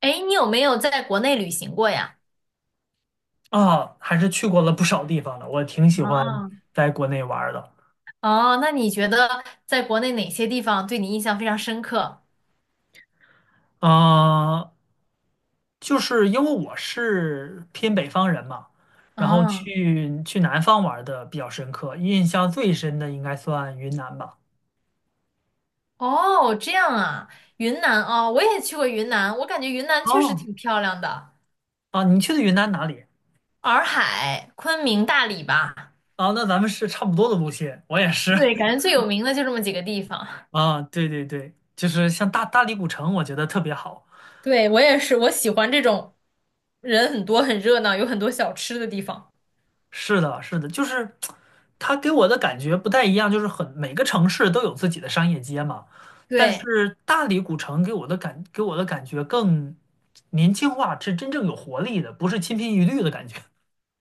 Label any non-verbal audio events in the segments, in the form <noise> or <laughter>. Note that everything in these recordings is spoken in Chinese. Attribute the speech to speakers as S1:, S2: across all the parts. S1: 哎，你有没有在国内旅行过呀？
S2: 啊，还是去过了不少地方的，我挺喜欢
S1: 啊，
S2: 在国内玩儿的。
S1: 哦，那你觉得在国内哪些地方对你印象非常深刻？
S2: 啊，就是因为我是偏北方人嘛，然后
S1: 嗯，
S2: 去南方玩儿的比较深刻，印象最深的应该算云南吧。
S1: 哦，这样啊，云南哦，我也去过云南，我感觉云南确实
S2: 哦，
S1: 挺漂亮的，
S2: 啊，你去的云南哪里？
S1: 洱海、昆明、大理吧，
S2: 啊，那咱们是差不多的路线，我也是。
S1: 对，感觉
S2: <laughs>
S1: 最有名的就这么几个地方。
S2: 啊，对对对，就是像大理古城，我觉得特别好。
S1: 对，我也是，我喜欢这种人很多、很热闹、有很多小吃的地方。
S2: 是的，是的，就是它给我的感觉不太一样，就是很每个城市都有自己的商业街嘛，但
S1: 对，
S2: 是大理古城给我的感觉更年轻化，是真正有活力的，不是千篇一律的感觉。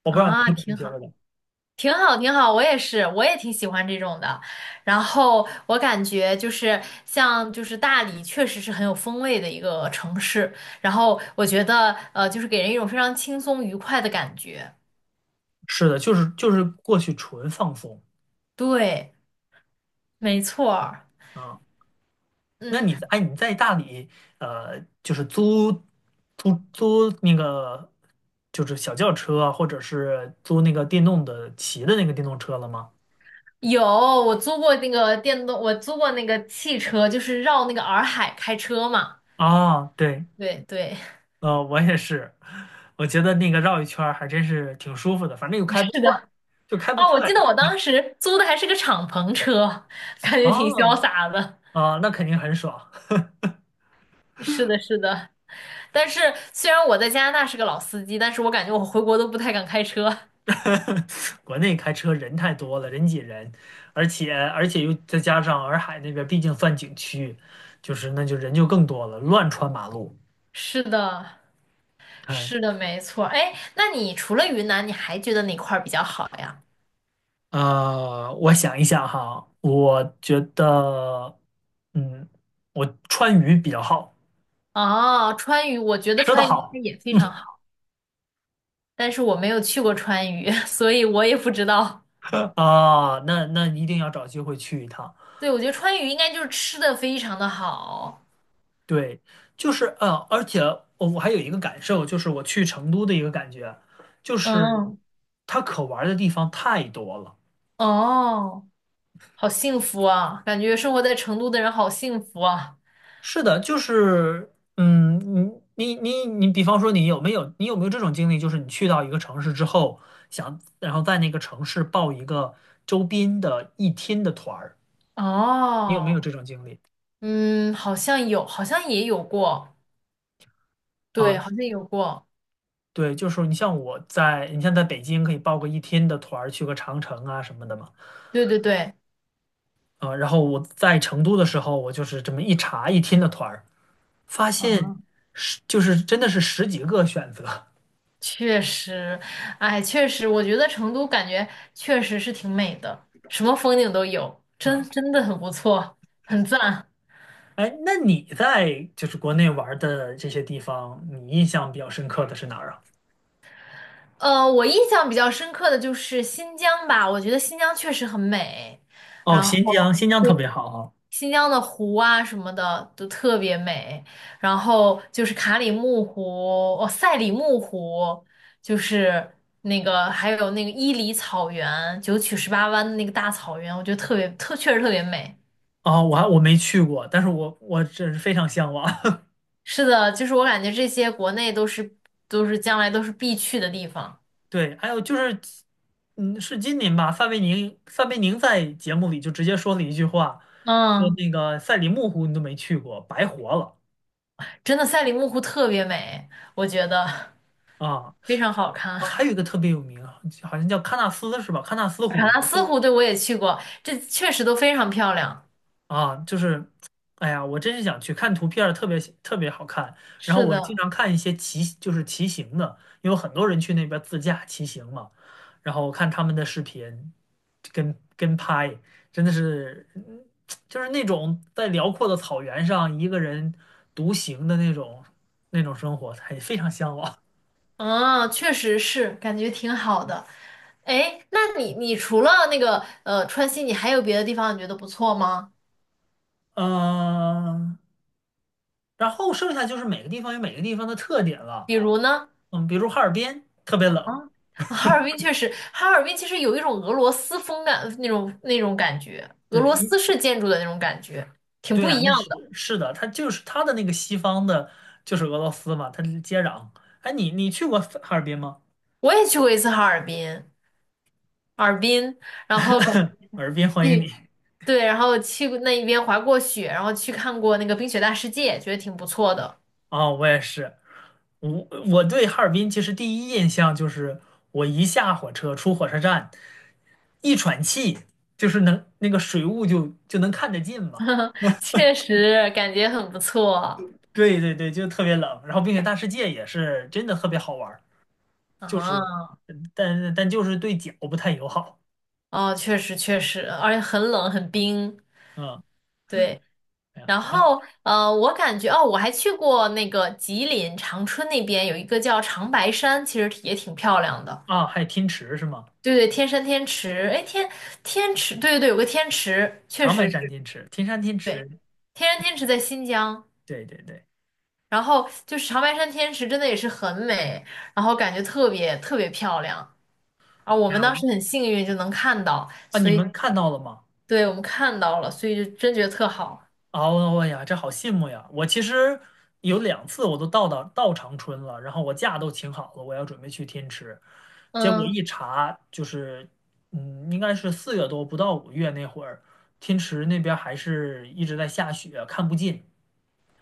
S2: 我不知道你
S1: 啊，
S2: 是怎么
S1: 挺
S2: 觉
S1: 好。
S2: 得的。
S1: 挺好，挺好，我也是，我也挺喜欢这种的。然后我感觉就是像就是大理，确实是很有风味的一个城市。然后我觉得就是给人一种非常轻松愉快的感觉。
S2: 是的，就是过去纯放松
S1: 对，没错儿。
S2: 啊。那你
S1: 嗯，
S2: 在你在大理就是租那个就是小轿车啊，或者是租那个电动的骑的那个电动车了吗？
S1: 有，我租过那个电动，我租过那个汽车，就是绕那个洱海开车嘛。
S2: 啊，对，
S1: 对对，
S2: 我也是，我觉得那个绕一圈儿还真是挺舒服的，反正又开
S1: <laughs>
S2: 不
S1: 是
S2: 快，
S1: 的。
S2: 就开不
S1: 哦，我
S2: 快。
S1: 记得我当时租的还是个敞篷车，感觉挺潇
S2: 哦，
S1: 洒的。
S2: 啊、那肯定很爽。
S1: 是的，是的。但是虽然我在加拿大是个老司机，但是我感觉我回国都不太敢开车。<laughs>
S2: <laughs> 国内开车人太多了，人挤人，而且又再加上洱海那边毕竟算景区，就是那就人就更多了，乱穿马路。
S1: 是的，
S2: 哎，
S1: 是的，没错。哎，那你除了云南，你还觉得哪块儿比较好呀？
S2: 我想一想哈，我觉得，嗯，我川渝比较好，
S1: 哦，川渝，我觉得
S2: 吃的
S1: 川渝它
S2: 好。
S1: 也非常
S2: <laughs>
S1: 好，但是我没有去过川渝，<laughs> 所以我也不知道。
S2: 啊，那那一定要找机会去一趟。
S1: 对，我觉得川渝应该就是吃的非常的好。
S2: 对，就是而且我还有一个感受，就是我去成都的一个感觉，就是
S1: 嗯，
S2: 它可玩儿的地方太多了。
S1: 哦，好幸福啊，感觉生活在成都的人好幸福啊。
S2: 是的，就是嗯，你，比方说你有没有这种经历，就是你去到一个城市之后，想然后在那个城市报一个周边的一天的团儿，你有没有
S1: 哦，
S2: 这种经历？
S1: 嗯，好像有，好像也有过。
S2: 啊，
S1: 对，好像有过，
S2: 对，就是你像我在，你像在北京可以报个一天的团儿，去个长城啊什么的嘛。
S1: 对对对，
S2: 啊，然后我在成都的时候，我就是这么一查一听的团儿，发现
S1: 嗯，
S2: 是就是真的是十几个选择
S1: 确实，哎，确实，我觉得成都感觉确实是挺美的，什么风景都有，真
S2: 啊。
S1: 真的很不错，很赞。
S2: 哎，那你在就是国内玩儿的这些地方，你印象比较深刻的是哪儿啊？
S1: 我印象比较深刻的就是新疆吧，我觉得新疆确实很美。
S2: 哦，
S1: 然后。
S2: 新疆，新疆特别好啊。
S1: 新疆的湖啊什么的都特别美，然后就是卡里木湖，哦，赛里木湖，就是那个还有那个伊犁草原，九曲十八弯的那个大草原，我觉得特别特确实特别美。
S2: 哦，我没去过，但是我真是非常向往。<laughs>
S1: 是的，就是我感觉这些国内都是将来都是必去的地方。
S2: 对，还有就是，嗯，是今年吧？范伟宁，范伟宁在节目里就直接说了一句话，说
S1: 嗯，
S2: 那个赛里木湖你都没去过，白活了。
S1: 真的赛里木湖特别美，我觉得
S2: 啊，
S1: 非常
S2: 呃
S1: 好
S2: 啊，还
S1: 看。
S2: 有一
S1: <laughs>
S2: 个特别有名啊好像叫喀纳斯是吧？喀纳斯
S1: 喀
S2: 湖
S1: 纳
S2: 也特
S1: 斯湖对我也去过，这确实都非常漂亮。
S2: 啊，就是，哎呀，我真是想去看图片儿特别特别好看。然后
S1: 是
S2: 我经
S1: 的。
S2: 常看一些骑，就是骑行的，因为很多人去那边自驾骑行嘛。然后我看他们的视频，跟拍，真的是，就是那种在辽阔的草原上一个人独行的那种生活，还非常向往。
S1: 啊，确实是，感觉挺好的。哎，那你除了那个川西，你还有别的地方你觉得不错吗？
S2: 嗯、然后剩下就是每个地方有每个地方的特点了，
S1: 比如呢，
S2: 嗯，比如哈尔滨特别冷，
S1: 哈尔滨确实，哈尔滨其实有一种俄罗斯风感那种感觉，俄
S2: 对，
S1: 罗
S2: 嗯，
S1: 斯式建筑的那种感觉，挺
S2: 对
S1: 不
S2: 啊，
S1: 一
S2: 那
S1: 样
S2: 是
S1: 的。
S2: 是的，它就是它的那个西方的，就是俄罗斯嘛，它是接壤。哎，你去过哈尔滨吗？
S1: 我也去过一次哈尔滨，哈尔滨，然
S2: <laughs>
S1: 后感
S2: 哈尔滨欢迎
S1: 去
S2: 你
S1: 对，然后去过那一边滑过雪，然后去看过那个冰雪大世界，觉得挺不错的，
S2: 啊，我也是，我我对哈尔滨其实第一印象就是我一下火车出火车站，一喘气就是能那个水雾就能看得见嘛，
S1: <laughs> 确实感觉很不错啊。
S2: 对对对，就特别冷，然后并且大世界也是真的特别好玩儿。就是，嗯但就是对脚不太友好。
S1: 哦，确实确实，而且很冷很冰，
S2: 嗯，
S1: 对。
S2: 哎呀，
S1: 然
S2: 然后
S1: 后我感觉哦，我还去过那个吉林长春那边有一个叫长白山，其实也挺漂亮的。
S2: 啊，还有天池是吗？
S1: 对对，天山天池，哎，天池，对对对，有个天池，确
S2: 长白
S1: 实
S2: 山
S1: 是，
S2: 天池，天山天
S1: 对，
S2: 池，
S1: 天山天池在新疆。
S2: 对对对。
S1: 然后就是长白山天池，真的也是很美，然后感觉特别特别漂亮啊！我们当时很幸运就能看到，
S2: 啊，
S1: 所
S2: 你
S1: 以
S2: 们看到了吗？
S1: 对我们看到了，所以就真觉得特好，
S2: 哦，哎呀，这好羡慕呀！我其实有两次我都到长春了，然后我假都请好了，我要准备去天池，结果
S1: 嗯。
S2: 一查就是，嗯，应该是四月多不到五月那会儿，天池那边还是一直在下雪，看不进。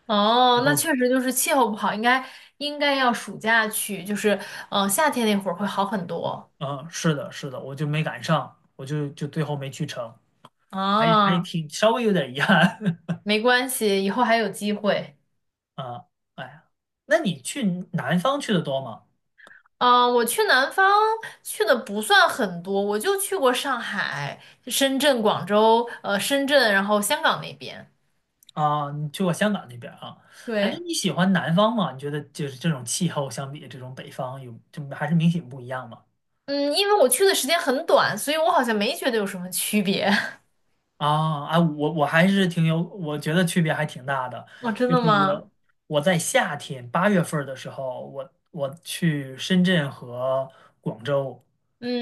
S1: 哦，
S2: 然
S1: 那
S2: 后
S1: 确实就是气候不好，应该要暑假去，就是夏天那会儿会好很多
S2: 嗯，是的，是的，我就没赶上，我就最后没去成，还还
S1: 啊，
S2: 挺稍微有点遗憾。
S1: 没关系，以后还有机会。
S2: <laughs> 啊。哎呀，那你去南方去的多吗？
S1: 嗯，我去南方去的不算很多，我就去过上海、深圳、广州，深圳，然后香港那边。
S2: 啊，你去过香港那边啊？哎，那
S1: 对，
S2: 你喜欢南方吗？你觉得就是这种气候相比这种北方有，就还是明显不一样吗？
S1: 嗯，因为我去的时间很短，所以我好像没觉得有什么区别。
S2: 啊，啊，我我还是挺有，我觉得区别还挺大的。
S1: <laughs> 哦，真
S2: 就
S1: 的
S2: 是
S1: 吗？
S2: 我在夏天八月份儿的时候，我去深圳和广州，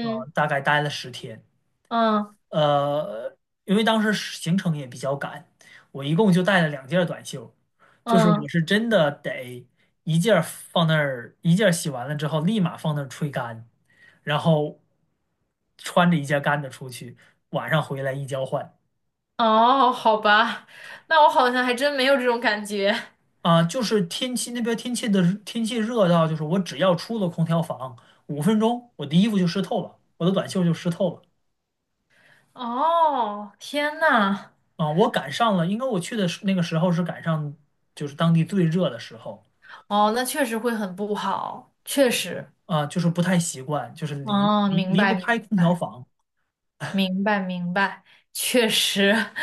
S2: 大概待了十天。
S1: 嗯
S2: 呃，因为当时行程也比较赶，我一共就带了两件儿短袖，就是我
S1: 嗯，
S2: 是真的得一件儿放那儿，一件儿洗完了之后立马放那儿吹干，然后穿着一件干的出去，晚上回来一交换。
S1: 哦，好吧，那我好像还真没有这种感觉。
S2: 啊，就是天气那边天气的天气热到，就是我只要出了空调房五分钟，我的衣服就湿透了，我的短袖就湿透了。
S1: 哦，天呐，
S2: 啊，我赶上了，应该我去的是那个时候是赶上就是当地最热的时候。
S1: 哦，那确实会很不好，确实，
S2: 啊，就是不太习惯，就是离
S1: 哦，
S2: 离
S1: 明
S2: 离不
S1: 白明
S2: 开空调
S1: 白
S2: 房。
S1: 明白明白，确实。<laughs>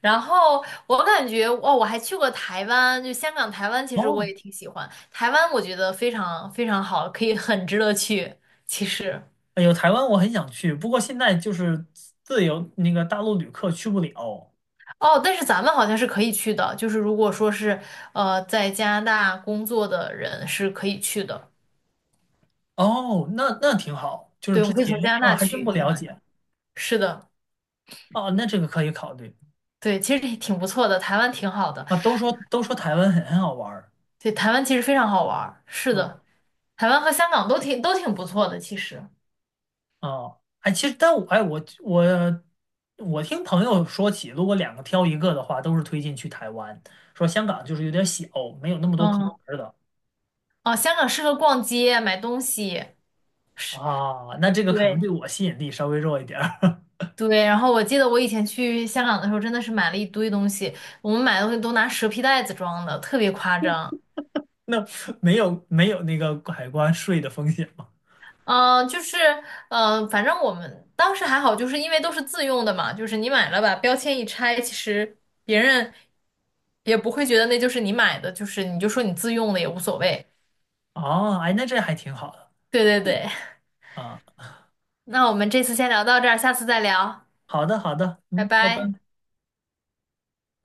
S1: 然后我感觉，哦，我还去过台湾，就香港、台湾，其实我
S2: 哦，
S1: 也挺喜欢。台湾我觉得非常非常好，可以很值得去。其实，
S2: 哎呦，台湾我很想去，不过现在就是自由那个大陆旅客去不了。
S1: 哦，但是咱们好像是可以去的，就是如果说是在加拿大工作的人是可以去的，
S2: 哦，那那挺好，就是
S1: 对，我
S2: 之
S1: 们可以
S2: 前
S1: 从加拿
S2: 啊
S1: 大
S2: 还真
S1: 去，
S2: 不
S1: 相
S2: 了
S1: 当于
S2: 解
S1: 是的。
S2: 啊，那这个可以考虑
S1: 对，其实也挺不错的，台湾挺好的。
S2: 啊。都说台湾很好玩儿，
S1: 对，台湾其实非常好玩儿。是
S2: 啊
S1: 的，台湾和香港都挺不错的，其实。
S2: 哦，哎，其实但我我听朋友说起，如果两个挑一个的话，都是推荐去台湾，说香港就是有点小，没有那么多可玩
S1: 嗯，
S2: 儿的。
S1: 哦，香港适合逛街、买东西。是，
S2: 啊，那这个可能
S1: 对
S2: 对我吸引力稍微弱一点儿，
S1: 对。然后我记得我以前去香港的时候，真的是买了一堆东西，我们买的东西都拿蛇皮袋子装的，特别夸张。
S2: <laughs> 那没有那个海关税的风险吗？
S1: 嗯、呃就是，嗯，反正我们当时还好，就是因为都是自用的嘛，就是你买了把标签一拆，其实别人也不会觉得那就是你买的，就是你就说你自用的也无所谓。
S2: 哦，哎，那这还挺好的
S1: 对对对，
S2: 啊。
S1: <laughs> 那我们这次先聊到这儿，下次再聊，
S2: 好的，好的，
S1: 拜
S2: 嗯，拜
S1: 拜。
S2: 拜。